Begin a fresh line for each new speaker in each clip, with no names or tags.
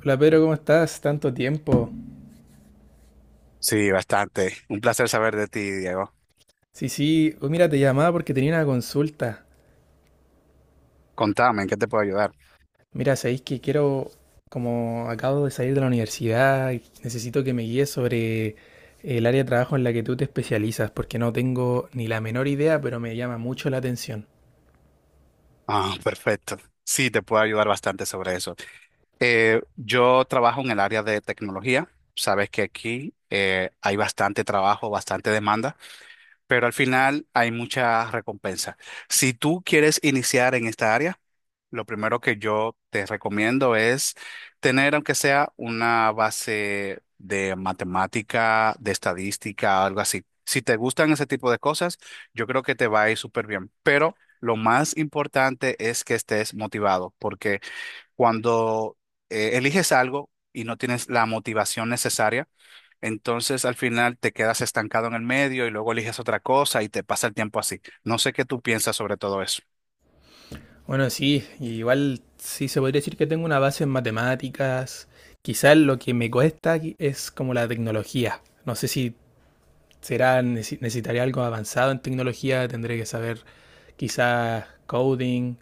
Hola Pedro, ¿cómo estás? Tanto tiempo.
Sí, bastante. Un placer saber de ti, Diego.
Sí, sí, oh, mira, te llamaba porque tenía una consulta.
Contame, ¿en qué te puedo ayudar?
Mira, sabéis que quiero, como acabo de salir de la universidad, y necesito que me guíes sobre el área de trabajo en la que tú te especializas, porque no tengo ni la menor idea, pero me llama mucho la atención.
Ah, perfecto. Sí, te puedo ayudar bastante sobre eso. Yo trabajo en el área de tecnología. Sabes que aquí hay bastante trabajo, bastante demanda, pero al final hay mucha recompensa. Si tú quieres iniciar en esta área, lo primero que yo te recomiendo es tener, aunque sea una base de matemática, de estadística, algo así. Si te gustan ese tipo de cosas, yo creo que te va a ir súper bien. Pero lo más importante es que estés motivado, porque cuando eliges algo y no tienes la motivación necesaria, entonces al final te quedas estancado en el medio y luego eliges otra cosa y te pasa el tiempo así. No sé qué tú piensas sobre todo eso.
Bueno, sí, igual sí se podría decir que tengo una base en matemáticas. Quizás lo que me cuesta aquí es como la tecnología. No sé si será, necesitaré algo avanzado en tecnología, tendré que saber quizás coding,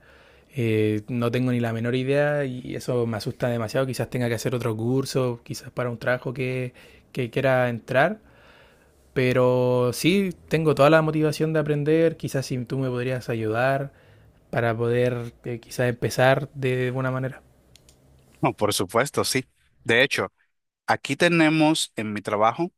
no tengo ni la menor idea y eso me asusta demasiado, quizás tenga que hacer otro curso, quizás para un trabajo que quiera entrar, pero sí, tengo toda la motivación de aprender, quizás si tú me podrías ayudar para poder quizás empezar de buena manera.
No, por supuesto, sí. De hecho, aquí tenemos en mi trabajo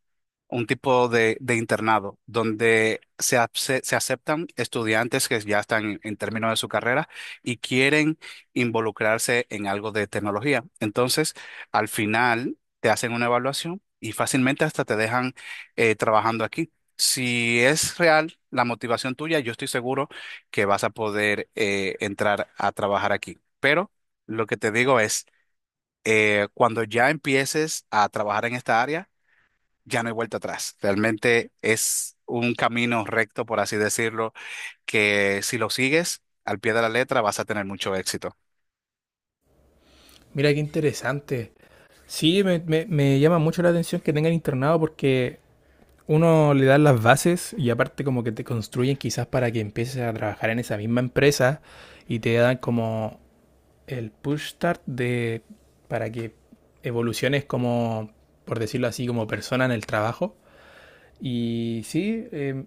un tipo de internado donde se, se aceptan estudiantes que ya están en términos de su carrera y quieren involucrarse en algo de tecnología. Entonces, al final te hacen una evaluación y fácilmente hasta te dejan trabajando aquí. Si es real la motivación tuya, yo estoy seguro que vas a poder entrar a trabajar aquí. Pero lo que te digo es, cuando ya empieces a trabajar en esta área, ya no hay vuelta atrás. Realmente es un camino recto, por así decirlo, que si lo sigues al pie de la letra vas a tener mucho éxito.
Mira qué interesante. Sí, me llama mucho la atención que tengan internado porque uno le dan las bases y aparte como que te construyen quizás para que empieces a trabajar en esa misma empresa y te dan como el push start de para que evoluciones como, por decirlo así, como persona en el trabajo. Y sí,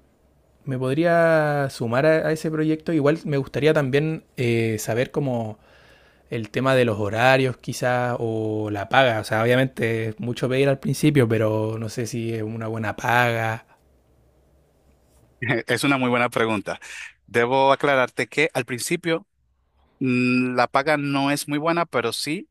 me podría sumar a, ese proyecto. Igual me gustaría también saber como el tema de los horarios quizás o la paga. O sea, obviamente es mucho pedir al principio, pero no sé si es una buena paga.
Es una muy buena pregunta. Debo aclararte que al principio la paga no es muy buena, pero sí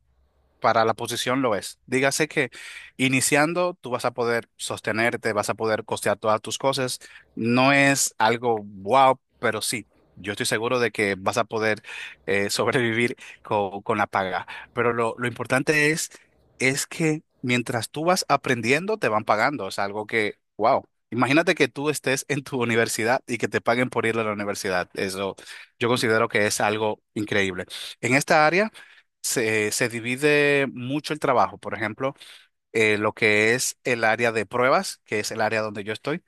para la posición lo es. Dígase que iniciando tú vas a poder sostenerte, vas a poder costear todas tus cosas. No es algo wow, pero sí, yo estoy seguro de que vas a poder sobrevivir con la paga. Pero lo importante es que mientras tú vas aprendiendo, te van pagando. Es algo que, wow. Imagínate que tú estés en tu universidad y que te paguen por ir a la universidad. Eso yo considero que es algo increíble. En esta área se, se divide mucho el trabajo. Por ejemplo, lo que es el área de pruebas, que es el área donde yo estoy.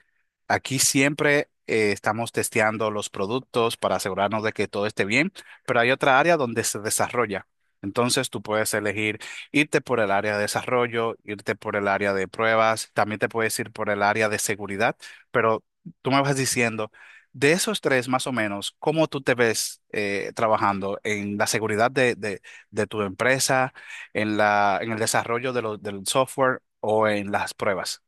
Aquí siempre estamos testeando los productos para asegurarnos de que todo esté bien, pero hay otra área donde se desarrolla. Entonces tú puedes elegir irte por el área de desarrollo, irte por el área de pruebas, también te puedes ir por el área de seguridad, pero tú me vas diciendo, de esos tres más o menos, ¿cómo tú te ves trabajando en la seguridad de tu empresa, en el desarrollo del software o en las pruebas?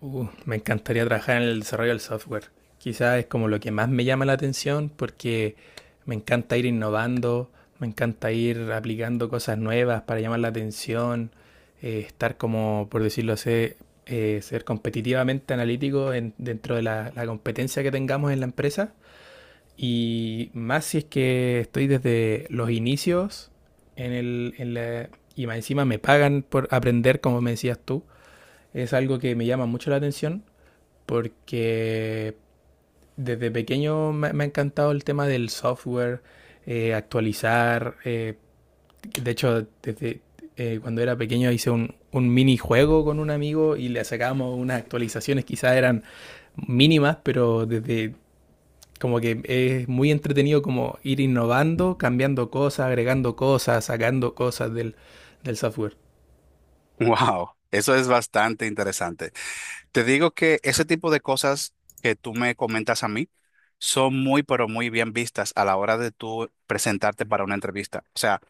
Me encantaría trabajar en el desarrollo del software. Quizás es como lo que más me llama la atención porque me encanta ir innovando, me encanta ir aplicando cosas nuevas para llamar la atención, estar como, por decirlo así, ser competitivamente analítico dentro de la competencia que tengamos en la empresa. Y más si es que estoy desde los inicios en y más encima me pagan por aprender, como me decías tú, es algo que me llama mucho la atención porque desde pequeño me ha encantado el tema del software, actualizar. De hecho, desde cuando era pequeño hice un minijuego con un amigo y le sacábamos unas actualizaciones, quizás eran mínimas, pero desde como que es muy entretenido como ir innovando, cambiando cosas, agregando cosas, sacando cosas del software.
Wow, eso es bastante interesante. Te digo que ese tipo de cosas que tú me comentas a mí son muy, pero muy bien vistas a la hora de tú presentarte para una entrevista. O sea,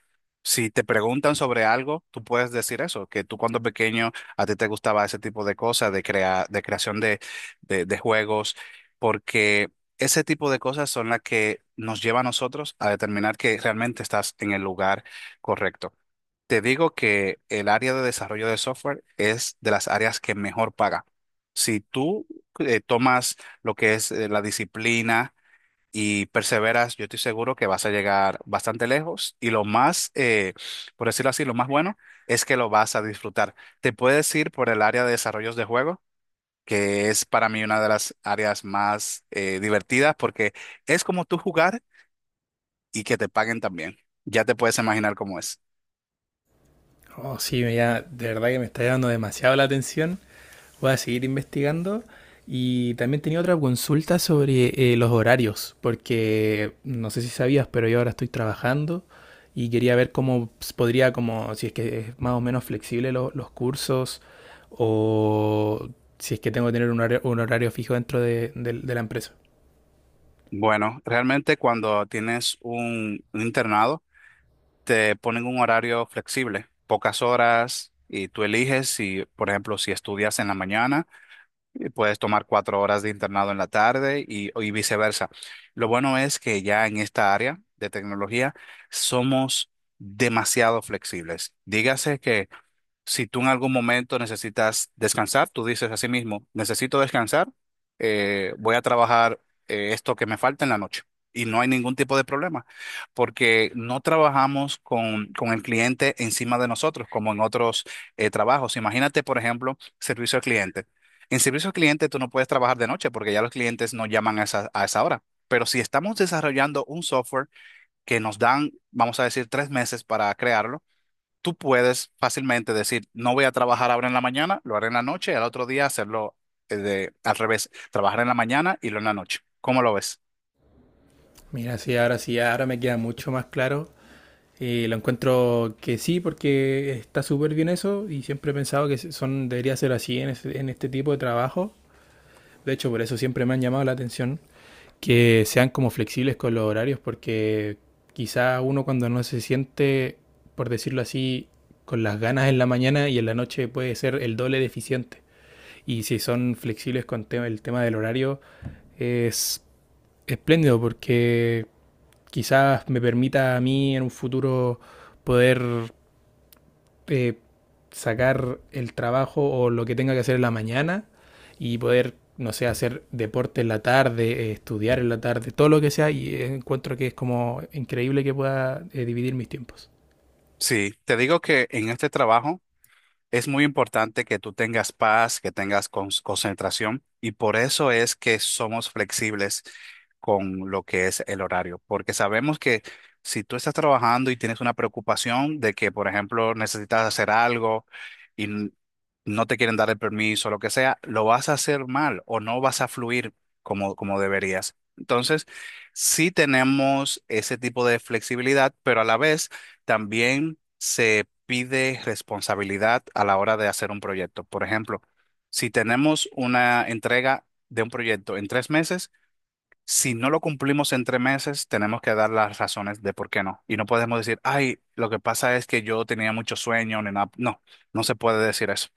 si te preguntan sobre algo, tú puedes decir eso, que tú cuando pequeño a ti te gustaba ese tipo de cosas, de creación de juegos, porque ese tipo de cosas son las que nos lleva a nosotros a determinar que realmente estás en el lugar correcto. Te digo que el área de desarrollo de software es de las áreas que mejor paga. Si tú tomas lo que es la disciplina y perseveras, yo estoy seguro que vas a llegar bastante lejos y lo más, por decirlo así, lo más bueno es que lo vas a disfrutar. Te puedes ir por el área de desarrollos de juego, que es para mí una de las áreas más divertidas porque es como tú jugar y que te paguen también. Ya te puedes imaginar cómo es.
Oh, sí, ya de verdad que me está llamando demasiado la atención. Voy a seguir investigando. Y también tenía otra consulta sobre los horarios, porque no sé si sabías, pero yo ahora estoy trabajando y quería ver cómo podría, como si es que es más o menos flexible los cursos o si es que tengo que tener un horario fijo dentro de la empresa.
Bueno, realmente cuando tienes un internado, te ponen un horario flexible, pocas horas, y tú eliges si, por ejemplo, si estudias en la mañana, y puedes tomar 4 horas de internado en la tarde y viceversa. Lo bueno es que ya en esta área de tecnología somos demasiado flexibles. Dígase que si tú en algún momento necesitas descansar, tú dices a sí mismo, necesito descansar, voy a trabajar esto que me falta en la noche. Y no hay ningún tipo de problema, porque no trabajamos con el cliente encima de nosotros, como en otros trabajos. Imagínate, por ejemplo, servicio al cliente. En servicio al cliente tú no puedes trabajar de noche porque ya los clientes no llaman a a esa hora. Pero si estamos desarrollando un software que nos dan, vamos a decir, 3 meses para crearlo, tú puedes fácilmente decir, no voy a trabajar ahora en la mañana, lo haré en la noche y al otro día hacerlo al revés, trabajar en la mañana y lo en la noche. ¿Cómo lo ves?
Mira, sí, ahora me queda mucho más claro. Y lo encuentro que sí, porque está súper bien eso y siempre he pensado que son, debería ser así en, en este tipo de trabajo. De hecho, por eso siempre me han llamado la atención que sean como flexibles con los horarios, porque quizá uno cuando no se siente, por decirlo así, con las ganas en la mañana y en la noche puede ser el doble deficiente. Y si son flexibles con el tema del horario, es espléndido porque quizás me permita a mí en un futuro poder eh, sacar el trabajo o lo que tenga que hacer en la mañana y poder, no sé, hacer deporte en la tarde, estudiar en la tarde, todo lo que sea, y encuentro que es como increíble que pueda dividir mis tiempos.
Sí, te digo que en este trabajo es muy importante que tú tengas paz, que tengas concentración y por eso es que somos flexibles con lo que es el horario, porque sabemos que si tú estás trabajando y tienes una preocupación de que, por ejemplo, necesitas hacer algo y no te quieren dar el permiso, lo que sea, lo vas a hacer mal o no vas a fluir como deberías. Entonces, sí tenemos ese tipo de flexibilidad, pero a la vez también se pide responsabilidad a la hora de hacer un proyecto. Por ejemplo, si tenemos una entrega de un proyecto en 3 meses, si no lo cumplimos en 3 meses, tenemos que dar las razones de por qué no. Y no podemos decir, ay, lo que pasa es que yo tenía mucho sueño, ni nada. No, no se puede decir eso.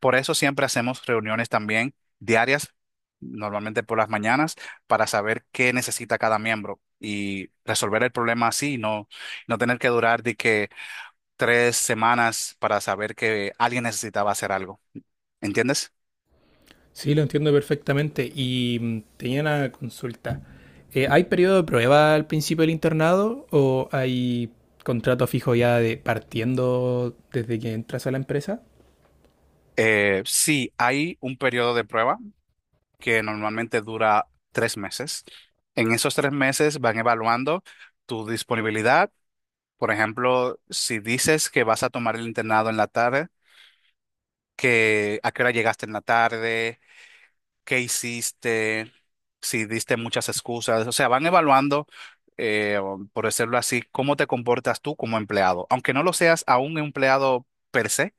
Por eso siempre hacemos reuniones también diarias, normalmente por las mañanas, para saber qué necesita cada miembro y resolver el problema así, y no, no tener que durar de que 3 semanas para saber que alguien necesitaba hacer algo, ¿entiendes?
Sí, lo entiendo perfectamente y tenía una consulta. ¿Hay periodo de prueba al principio del internado o hay contrato fijo ya de partiendo desde que entras a la empresa?
Sí, hay un periodo de prueba que normalmente dura 3 meses. En esos 3 meses van evaluando tu disponibilidad. Por ejemplo, si dices que vas a tomar el internado en la tarde, que a qué hora llegaste en la tarde, qué hiciste, si diste muchas excusas. O sea, van evaluando, o por decirlo así, cómo te comportas tú como empleado. Aunque no lo seas a un empleado per se,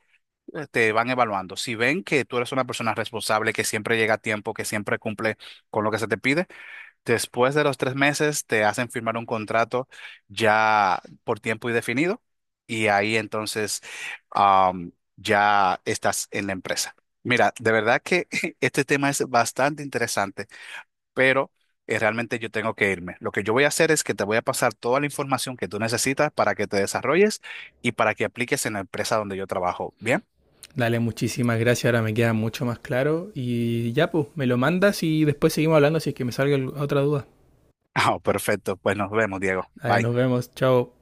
te van evaluando. Si ven que tú eres una persona responsable, que siempre llega a tiempo, que siempre cumple con lo que se te pide, después de los 3 meses te hacen firmar un contrato ya por tiempo indefinido y ahí entonces, ya estás en la empresa. Mira, de verdad que este tema es bastante interesante, pero realmente yo tengo que irme. Lo que yo voy a hacer es que te voy a pasar toda la información que tú necesitas para que te desarrolles y para que apliques en la empresa donde yo trabajo. ¿Bien?
Dale, muchísimas gracias. Ahora me queda mucho más claro. Y ya, pues, me lo mandas y después seguimos hablando si es que me salga otra duda.
Ah, perfecto. Pues nos vemos, Diego.
Dale, nos
Bye.
vemos. Chao.